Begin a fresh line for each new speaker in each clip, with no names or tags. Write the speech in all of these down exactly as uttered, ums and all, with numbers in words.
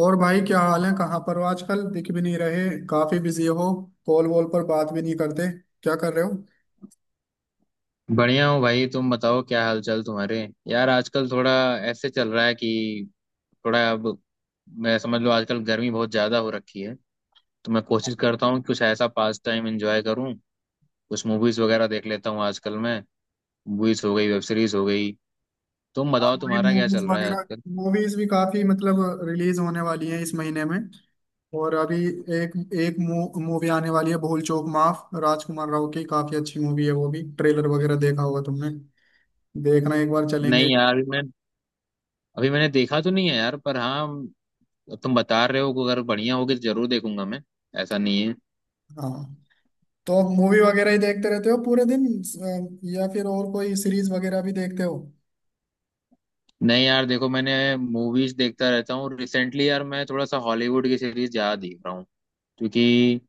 और भाई क्या हाल है। कहाँ पर हो आजकल? दिख भी नहीं रहे, काफी बिजी हो। कॉल वॉल पर बात भी नहीं करते। क्या कर रहे हो?
बढ़िया हूँ भाई। तुम बताओ क्या हालचाल तुम्हारे। यार आजकल थोड़ा ऐसे चल रहा है कि थोड़ा अब मैं समझ लो आजकल गर्मी बहुत ज़्यादा हो रखी है। तो मैं कोशिश करता हूँ कि कुछ ऐसा पास टाइम एंजॉय करूँ। कुछ मूवीज़ वगैरह देख लेता हूँ आजकल मैं। मूवीज़ हो गई वेब सीरीज़ हो गई। तुम
हाँ
बताओ
भाई,
तुम्हारा क्या
मूवीज
चल रहा है
वगैरह
आजकल।
मूवीज भी काफी मतलब रिलीज होने वाली है इस महीने में। और अभी एक एक मूवी आने वाली है भूल चूक माफ, राजकुमार राव की। काफी अच्छी मूवी है वो भी, ट्रेलर वगैरह देखा होगा तुमने। देखना, एक बार चलेंगे।
नहीं यार, अभी मैं अभी मैंने देखा तो नहीं है यार, पर हाँ, तुम बता रहे हो कि अगर बढ़िया होगी तो जरूर देखूंगा मैं। ऐसा नहीं है।
हाँ, तो मूवी वगैरह ही देखते रहते हो पूरे दिन अ, या फिर और कोई सीरीज वगैरह भी देखते हो?
नहीं यार देखो, मैंने मूवीज देखता रहता हूँ। रिसेंटली यार मैं थोड़ा सा हॉलीवुड की सीरीज ज्यादा देख रहा हूँ, क्योंकि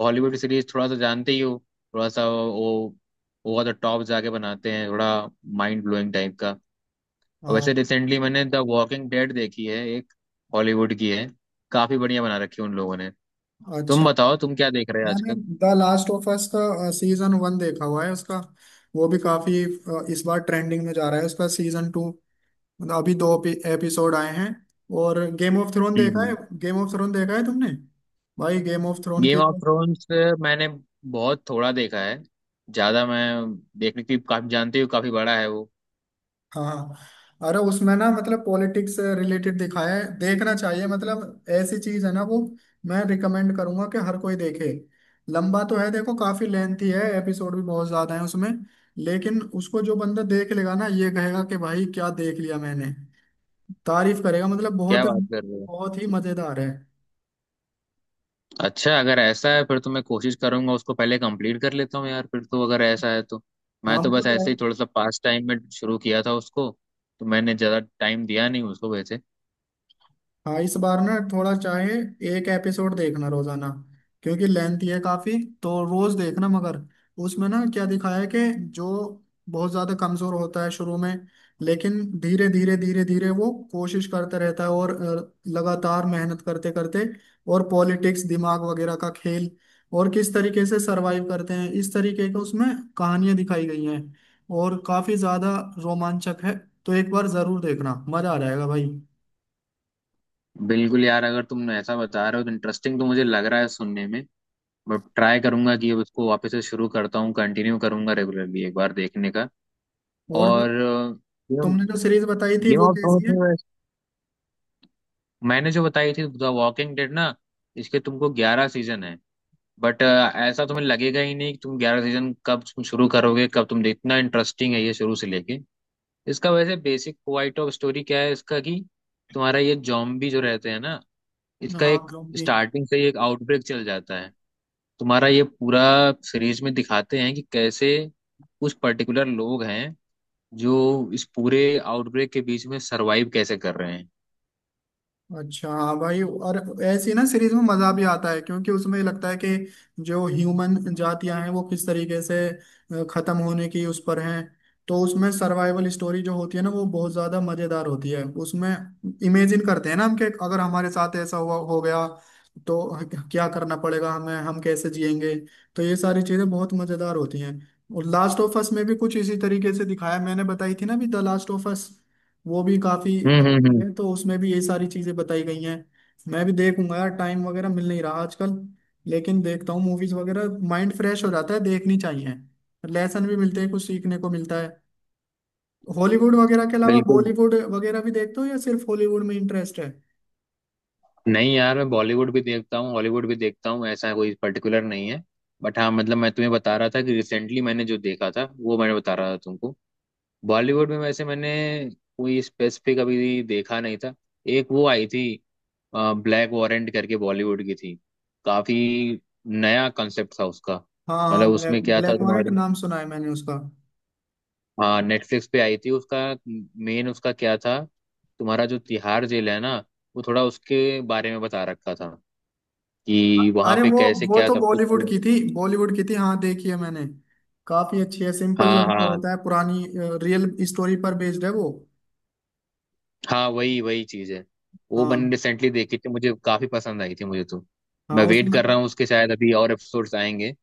हॉलीवुड की सीरीज थोड़ा सा जानते ही हो। थोड़ा सा वो ओवर द टॉप जाके बनाते हैं थोड़ा। माइंड ब्लोइंग टाइप का। और
हाँ,
वैसे रिसेंटली मैंने द वॉकिंग डेड देखी है, एक हॉलीवुड की है। काफी बढ़िया बना रखी है उन लोगों ने। तुम
अच्छा।
बताओ तुम क्या देख रहे हो
मैंने
आजकल।
द लास्ट ऑफ अस का सीजन वन देखा हुआ है उसका। वो भी काफी अ, इस बार ट्रेंडिंग में जा रहा है उसका सीजन टू। मतलब अभी दो एपिसोड आए हैं। और गेम ऑफ थ्रोन देखा है।
हम्म।
गेम ऑफ थ्रोन देखा है तुमने? भाई गेम ऑफ थ्रोन
गेम
की,
ऑफ थ्रोन्स मैंने बहुत थोड़ा देखा है। ज्यादा मैं देखने की काफी जानते हो, काफी बड़ा है वो।
हाँ हाँ। अरे उसमें ना मतलब पॉलिटिक्स से रिलेटेड दिखाया है, देखना चाहिए। मतलब ऐसी चीज है ना वो। मैं रिकमेंड करूंगा कि हर कोई देखे। लंबा तो है देखो, काफी लेंथी है, एपिसोड भी बहुत ज्यादा है उसमें। लेकिन उसको जो बंदा देख लेगा ना, ये कहेगा कि भाई क्या देख लिया मैंने। तारीफ करेगा, मतलब
क्या
बहुत
बात कर रहे हो।
बहुत ही मजेदार है।
अच्छा, अगर ऐसा है फिर तो मैं कोशिश करूंगा, उसको पहले कंप्लीट कर लेता हूँ यार, फिर तो अगर ऐसा है तो मैं
हाँ
तो बस ऐसे ही
मतलब,
थोड़ा सा पास टाइम में शुरू किया था उसको। तो मैंने ज़्यादा टाइम दिया नहीं उसको वैसे।
हाँ इस बार ना थोड़ा चाहे एक एपिसोड देखना रोजाना, क्योंकि लेंथ है काफी, तो रोज देखना मगर। उसमें ना क्या दिखाया है कि जो बहुत ज्यादा कमजोर होता है शुरू में, लेकिन धीरे धीरे धीरे धीरे वो कोशिश करता रहता है और अ, लगातार मेहनत करते करते, और पॉलिटिक्स दिमाग वगैरह का खेल, और किस तरीके से सरवाइव करते हैं इस तरीके का उसमें कहानियां दिखाई गई हैं। और काफी ज्यादा रोमांचक है, तो एक बार जरूर देखना, मजा आ जाएगा भाई।
बिल्कुल यार, अगर तुम ऐसा बता रहे हो तो इंटरेस्टिंग तो मुझे लग रहा है सुनने में। बट ट्राई करूंगा कि अब उसको वापस से शुरू करता हूँ, कंटिन्यू करूंगा रेगुलरली एक बार देखने का।
और
और गेम
तुमने जो सीरीज बताई थी
गेम
वो
ऑफ
कैसी है?
थ्रोन्स। मैंने जो बताई थी द वॉकिंग डेड ना। इसके तुमको ग्यारह सीजन है। बट ऐसा तुम्हें लगेगा ही नहीं कि तुम ग्यारह सीजन कब तुम शुरू करोगे, कब तुम, इतना इंटरेस्टिंग है ये शुरू से लेके। इसका वैसे बेसिक पॉइंट ऑफ स्टोरी क्या है इसका कि तुम्हारा ये जॉम्बी जो रहते हैं ना। इसका
हाँ
एक
ज़ॉम्बी।
स्टार्टिंग से ही एक आउटब्रेक चल जाता है। तुम्हारा ये पूरा सीरीज में दिखाते हैं कि कैसे कुछ पर्टिकुलर लोग हैं जो इस पूरे आउटब्रेक के बीच में सरवाइव कैसे कर रहे हैं।
अच्छा हाँ भाई, और ऐसी ना सीरीज में मजा भी आता है, क्योंकि उसमें लगता है कि जो ह्यूमन जातियां हैं वो किस तरीके से अ, खत्म होने की उस पर हैं। तो उसमें सर्वाइवल स्टोरी जो होती है ना वो बहुत ज्यादा मजेदार होती है उसमें। इमेजिन करते हैं ना हम कि अगर हमारे साथ ऐसा हुआ हो गया तो क्या करना पड़ेगा हमें, हम कैसे जिएंगे। तो ये सारी चीजें बहुत मजेदार होती हैं। और लास्ट ऑफ अस में भी कुछ इसी तरीके से दिखाया, मैंने बताई थी ना भी द लास्ट ऑफ अस। वो भी काफी
हम्म हम्म
अच्छी
हम्म।
है, तो उसमें भी ये सारी चीजें बताई गई हैं। मैं भी देखूंगा यार, टाइम वगैरह मिल नहीं रहा आजकल। लेकिन देखता हूँ मूवीज वगैरह, माइंड फ्रेश हो जाता है, देखनी चाहिए। लेसन भी मिलते हैं, कुछ सीखने को मिलता है। हॉलीवुड वगैरह के अलावा
बिल्कुल।
बॉलीवुड वगैरह भी देखते हो या सिर्फ हॉलीवुड में इंटरेस्ट है?
नहीं यार, मैं बॉलीवुड भी देखता हूँ हॉलीवुड भी देखता हूँ, ऐसा कोई पर्टिकुलर नहीं है। बट हाँ, मतलब मैं तुम्हें बता रहा था कि रिसेंटली मैंने जो देखा था वो मैंने बता रहा था तुमको। बॉलीवुड में वैसे मैंने कोई स्पेसिफिक अभी देखा नहीं था। एक वो आई थी ब्लैक वॉरेंट करके, बॉलीवुड की थी। काफी नया कंसेप्ट था उसका।
हाँ हाँ,
मतलब
ब्लैक
उसमें क्या था
ब्लैक वालेट,
तुम्हारे।
नाम सुना है मैंने उसका।
हाँ नेटफ्लिक्स पे आई थी उसका। मेन उसका क्या था। तुम्हारा जो तिहाड़ जेल है ना, वो थोड़ा उसके बारे में बता रखा था
अ-
कि वहां
अरे
पे
वो
कैसे
वो
क्या
तो
सब कुछ
बॉलीवुड
है।
की थी, बॉलीवुड की थी, हाँ देखी है मैंने। काफी अच्छी है, सिंपल
हाँ
लड़का
हाँ
होता है, पुरानी रियल स्टोरी पर बेस्ड है वो।
हाँ। वही वही चीज है। वो
हाँ
मैंने रिसेंटली देखी थी, मुझे काफी पसंद आई थी मुझे तो।
हाँ
मैं वेट
उसमें,
कर रहा हूँ, उसके शायद अभी और एपिसोड्स आएंगे।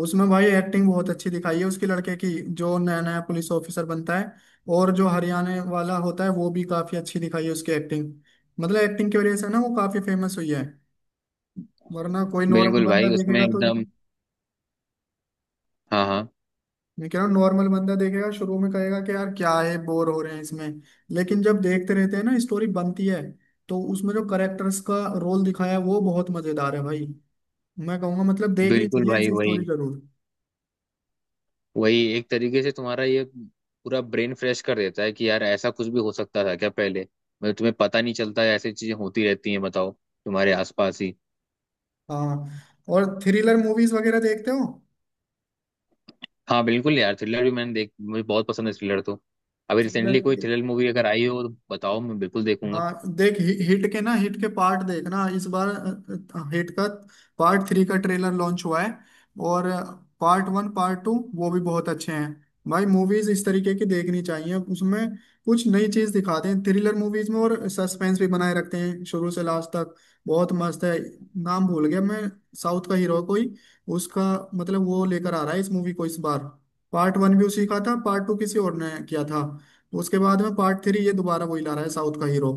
उसमें भाई एक्टिंग बहुत अच्छी दिखाई है उसके लड़के की, जो नया नया पुलिस ऑफिसर बनता है। और जो हरियाणा वाला होता है वो भी काफी अच्छी दिखाई है उसकी एक्टिंग। मतलब एक्टिंग की वजह से ना वो काफी फेमस हुई है, वरना कोई नॉर्मल
बिल्कुल
बंदा
भाई, उसमें
देखेगा तो,
एकदम। हाँ हाँ।
मैं कह रहा हूँ नॉर्मल बंदा देखेगा शुरू में कहेगा कि यार क्या है, बोर हो रहे हैं इसमें। लेकिन जब देखते रहते हैं ना स्टोरी बनती है, तो उसमें जो करेक्टर्स का रोल दिखाया है वो बहुत मजेदार है भाई। मैं कहूंगा मतलब देखनी
बिल्कुल
चाहिए
भाई,
ऐसी
वही
स्टोरी जरूर।
वही एक तरीके से तुम्हारा ये पूरा ब्रेन फ्रेश कर देता है कि यार ऐसा कुछ भी हो सकता था क्या पहले। मतलब तुम्हें पता नहीं चलता है, ऐसी चीजें होती रहती हैं बताओ तुम्हारे आसपास ही।
हाँ, और थ्रिलर मूवीज वगैरह देखते हो?
हाँ बिल्कुल यार, थ्रिलर भी मैंने देख मुझे बहुत पसंद है थ्रिलर तो। अभी
थ्रिलर,
रिसेंटली कोई थ्रिलर मूवी अगर आई हो तो बताओ, मैं बिल्कुल देखूंगा।
हाँ देख हि, हिट के ना हिट के पार्ट देखना इस बार। अ, हिट का पार्ट थ्री का ट्रेलर लॉन्च हुआ है। और पार्ट वन पार्ट टू वो भी बहुत अच्छे हैं भाई। मूवीज इस तरीके की देखनी चाहिए, उसमें कुछ नई चीज दिखाते हैं थ्रिलर मूवीज में, और सस्पेंस भी बनाए रखते हैं शुरू से लास्ट तक। बहुत मस्त है। नाम भूल गया मैं, साउथ का हीरो कोई, उसका मतलब वो लेकर आ रहा है इस मूवी को इस बार। पार्ट वन भी उसी का था, पार्ट टू किसी और ने किया था, उसके बाद में पार्ट थ्री ये दोबारा वही ला रहा है, साउथ का हीरो।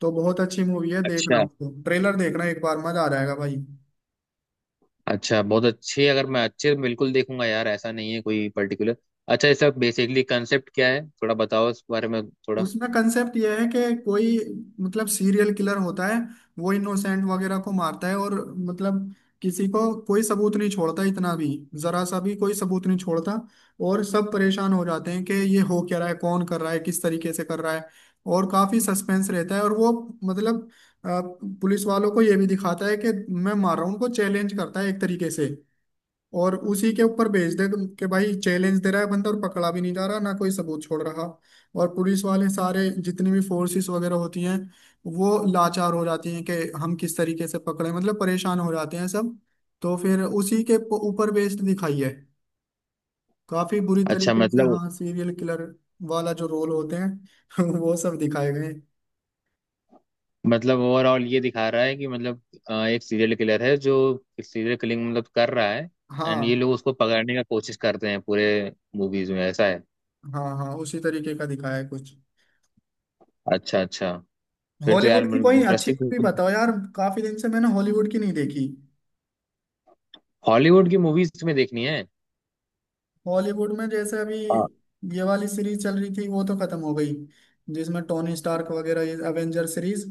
तो बहुत अच्छी मूवी है, देखना
अच्छा
उसको, ट्रेलर देखना एक बार, मजा आ जाएगा भाई।
अच्छा, बहुत अच्छे। अगर मैं अच्छे बिल्कुल देखूंगा यार, ऐसा नहीं है कोई पर्टिकुलर। अच्छा, इसका बेसिकली कंसेप्ट क्या है, थोड़ा बताओ इस बारे में थोड़ा।
उसमें कंसेप्ट यह है कि कोई मतलब सीरियल किलर होता है, वो इनोसेंट वगैरह को मारता है, और मतलब किसी को कोई सबूत नहीं छोड़ता, इतना भी जरा सा भी कोई सबूत नहीं छोड़ता। और सब परेशान हो जाते हैं कि ये हो क्या रहा है, कौन कर रहा है, किस तरीके से कर रहा है। और काफी सस्पेंस रहता है, और वो मतलब अ, पुलिस वालों को ये भी दिखाता है कि मैं मार रहा हूँ उनको, चैलेंज करता है एक तरीके से। और उसी के ऊपर भेज दे तुम कि भाई चैलेंज दे रहा है बंदा, और पकड़ा भी नहीं जा रहा, ना कोई सबूत छोड़ रहा। और पुलिस वाले सारे जितनी भी फोर्सेस वगैरह होती हैं वो लाचार हो जाती हैं कि हम किस तरीके से पकड़े, मतलब परेशान हो जाते हैं सब। तो फिर उसी के प- ऊपर बेस्ड दिखाई है, काफी बुरी
अच्छा।
तरीके से,
मतलब
हाँ सीरियल किलर वाला जो रोल होते हैं वो सब दिखाए गए हैं।
मतलब ओवरऑल ये दिखा रहा है कि मतलब अ, एक सीरियल किलर है जो सीरियल किलिंग मतलब कर रहा है। एंड ये
हाँ
लोग उसको पकड़ने का कोशिश करते हैं पूरे मूवीज में ऐसा है।
हाँ, हाँ उसी तरीके का दिखाया है कुछ।
अच्छा अच्छा, फिर तो यार
हॉलीवुड की कोई अच्छी
इंटरेस्टिंग।
मूवी बताओ यार, काफी दिन से मैंने हॉलीवुड की नहीं देखी।
हॉलीवुड की मूवीज तुम्हें देखनी है।
हॉलीवुड में जैसे अभी
हाँ
ये वाली सीरीज चल रही थी वो तो खत्म हो गई, जिसमें टोनी स्टार्क वगैरह, ये एवेंजर सीरीज।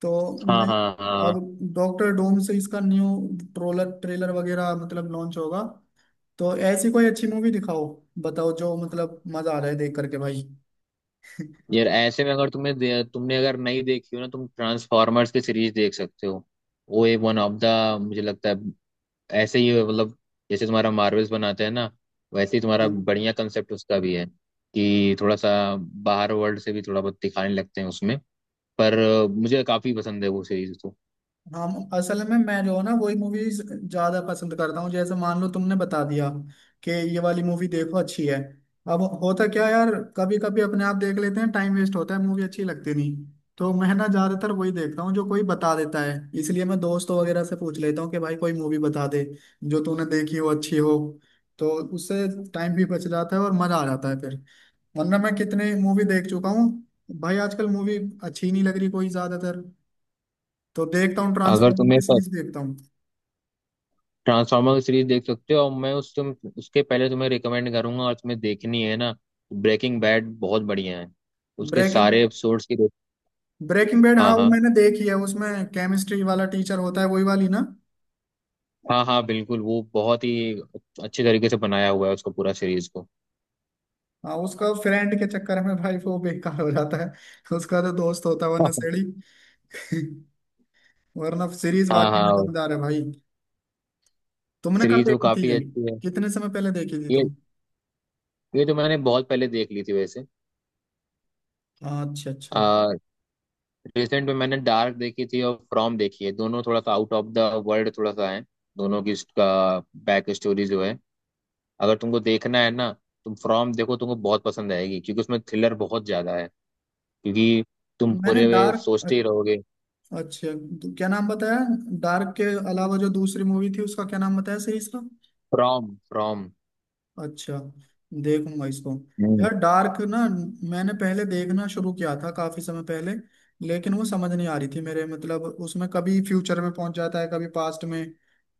तो
हाँ
मैं
हाँ हाँ।
अब डॉक्टर डूम से इसका न्यू ट्रोलर ट्रेलर वगैरह मतलब लॉन्च होगा। तो ऐसी कोई अच्छी मूवी दिखाओ, बताओ, जो मतलब मजा आ रहा है देख करके भाई।
यार ऐसे में अगर तुम्हें दे, तुमने अगर नहीं देखी हो ना, तुम ट्रांसफॉर्मर्स की सीरीज देख सकते हो। वो एक वन ऑफ द मुझे लगता है ऐसे ही मतलब, जैसे तुम्हारा मार्वल्स बनाते हैं ना वैसे ही तुम्हारा बढ़िया कंसेप्ट उसका भी है कि थोड़ा सा बाहर वर्ल्ड से भी थोड़ा बहुत दिखाने लगते हैं उसमें। पर अ, मुझे काफी पसंद है वो सीरीज तो।
हम असल में मैं जो है ना वही मूवीज ज्यादा पसंद करता हूँ, जैसे मान लो तुमने बता दिया कि ये वाली मूवी देखो अच्छी है। अब होता क्या है यार, कभी कभी अपने आप देख लेते हैं, टाइम वेस्ट होता है, मूवी अच्छी लगती नहीं। तो मैं ना ज्यादातर वही देखता हूँ जो कोई बता देता है, इसलिए मैं दोस्तों वगैरह से पूछ लेता हूँ कि भाई कोई मूवी बता दे जो तूने देखी हो अच्छी हो। तो उससे टाइम भी बच जाता है और मजा आ जाता है फिर, वरना मैं कितने मूवी देख चुका हूँ भाई, आजकल मूवी अच्छी नहीं लग रही कोई ज्यादातर। तो देखता हूँ
अगर
ट्रांसफॉर्मर
तुम्हें
की सीरीज देखता हूँ।
ट्रांसफार्मर की सीरीज देख सकते हो, और मैं उस तुम उसके पहले तुम्हें रिकमेंड करूंगा, और तुम्हें देखनी है ना ब्रेकिंग बैड बहुत बढ़िया है। उसके
ब्रेकिंग
सारे एपिसोड्स की।
ब्रेकिंग बैड, हाँ
हाँ
वो
हाँ
मैंने देखी है, उसमें केमिस्ट्री वाला टीचर होता है वही वाली ना।
हाँ हाँ। बिल्कुल वो बहुत ही अच्छे तरीके से बनाया हुआ है उसको पूरा सीरीज को।
हाँ उसका फ्रेंड के चक्कर में भाई वो बेकार हो जाता है, उसका तो दोस्त होता है वरना सड़ी वरना सीरीज
हाँ
वाकई में
हाँ।
दमदार है भाई। तुमने कब
सीरीज वो
देखी थी
काफी
ये?
अच्छी है।
कितने समय पहले देखी थी
ये
तुम?
ये तो मैंने बहुत पहले देख ली थी वैसे।
अच्छा अच्छा।
आ, रिसेंट में मैंने डार्क देखी थी और फ्रॉम देखी है। दोनों थोड़ा सा आउट ऑफ द वर्ल्ड थोड़ा सा है। दोनों की इसका बैक स्टोरी जो है, अगर तुमको देखना है ना तुम फ्रॉम देखो, तुमको बहुत पसंद आएगी क्योंकि उसमें थ्रिलर बहुत ज्यादा है। क्योंकि तुम
मैंने
पूरे वे सोचते
डार्क,
ही रहोगे।
अच्छा क्या नाम बताया? डार्क के अलावा जो दूसरी मूवी थी उसका क्या नाम बताया सीरीज का?
From from.
अच्छा, देखूंगा इसको।
हम्म।
यार डार्क ना मैंने पहले देखना शुरू किया था काफी समय पहले, लेकिन वो समझ नहीं आ रही थी मेरे, मतलब उसमें कभी फ्यूचर में पहुंच जाता है कभी पास्ट में,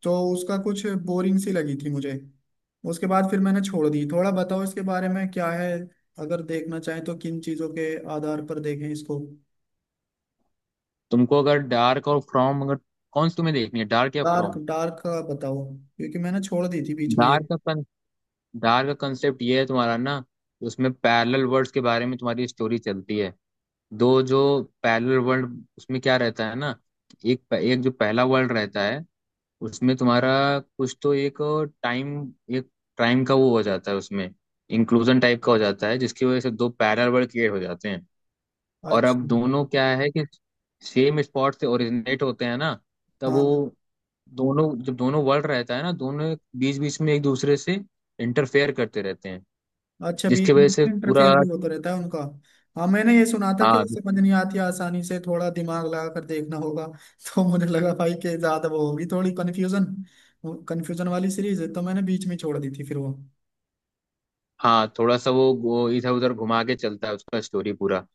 तो उसका कुछ बोरिंग सी लगी थी मुझे। उसके बाद फिर मैंने छोड़ दी। थोड़ा बताओ इसके बारे में क्या है, अगर देखना चाहें तो किन चीजों के आधार पर देखें इसको।
तुमको अगर डार्क और फ्रॉम, अगर कौन सी तुम्हें देखनी है डार्क या
डार्क
फ्रॉम।
डार्क का बताओ, क्योंकि मैंने छोड़ दी थी बीच में ये।
डार्क का कन, डार्क का कंसेप्ट ये है तुम्हारा ना। उसमें पैरेलल वर्ल्ड्स के बारे में तुम्हारी स्टोरी चलती है। दो जो पैरेलल वर्ल्ड उसमें क्या रहता है ना। एक एक जो पहला वर्ल्ड रहता है, उसमें तुम्हारा कुछ तो एक टाइम एक टाइम का वो हो जाता है उसमें। इंक्लूजन टाइप का हो जाता है जिसकी वजह से दो पैरेलल वर्ल्ड क्रिएट हो जाते हैं। और अब
अच्छा,
दोनों क्या है कि सेम स्पॉट से ओरिजिनेट होते हैं ना। तब वो
हाँ।
दोनों, जब दोनों वर्ल्ड रहता है ना, दोनों बीच बीच में एक दूसरे से इंटरफेयर करते रहते हैं।
अच्छा,
जिसकी
बीच
वजह
बीच
से
में
पूरा।
इंटरफेयर भी होता रहता है उनका? हाँ, मैंने ये सुना था कि
हाँ
वो समझ नहीं आती आसानी से, थोड़ा दिमाग लगा कर देखना होगा तो मुझे लगा भाई कि ज्यादा वो होगी, थोड़ी कंफ्यूजन कंफ्यूजन वाली सीरीज है, तो मैंने बीच में छोड़ दी थी फिर वो।
हाँ, थोड़ा सा वो, वो इधर उधर घुमा के चलता है उसका स्टोरी पूरा।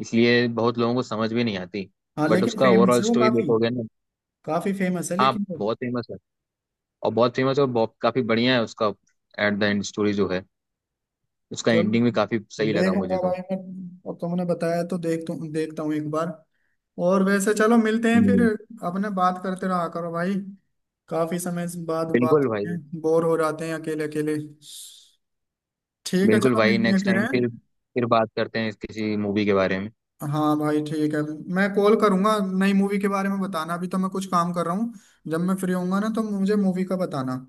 इसलिए बहुत लोगों को समझ भी नहीं आती।
हाँ
बट
लेकिन
उसका
फेमस
ओवरऑल
है वो
स्टोरी
काफी,
देखोगे ना।
काफी फेमस है
हाँ
लेकिन वो।
बहुत फेमस है। और बहुत फेमस है और बहुत काफी बढ़िया है उसका। एट द एंड स्टोरी जो है, उसका
चलो
एंडिंग भी काफी सही लगा मुझे
देखूंगा
तो।
भाई मैं, और तुमने बताया तो देख देखता हूँ एक बार। और वैसे चलो मिलते हैं फिर।
हम्म।
अपने बात करते रहा करो भाई, काफी समय से बाद
बिल्कुल
बात,
भाई।
बोर हो जाते हैं अकेले अकेले। ठीक है
बिल्कुल
चलो
भाई,
मिलते हैं
नेक्स्ट
फिर
टाइम
हैं।
फिर फिर बात करते हैं इस किसी मूवी के बारे में।
हाँ भाई ठीक है, मैं कॉल करूंगा, नई मूवी के बारे में बताना, अभी तो मैं कुछ काम कर रहा हूँ। जब मैं फ्री होऊंगा ना तो मुझे मूवी का बताना।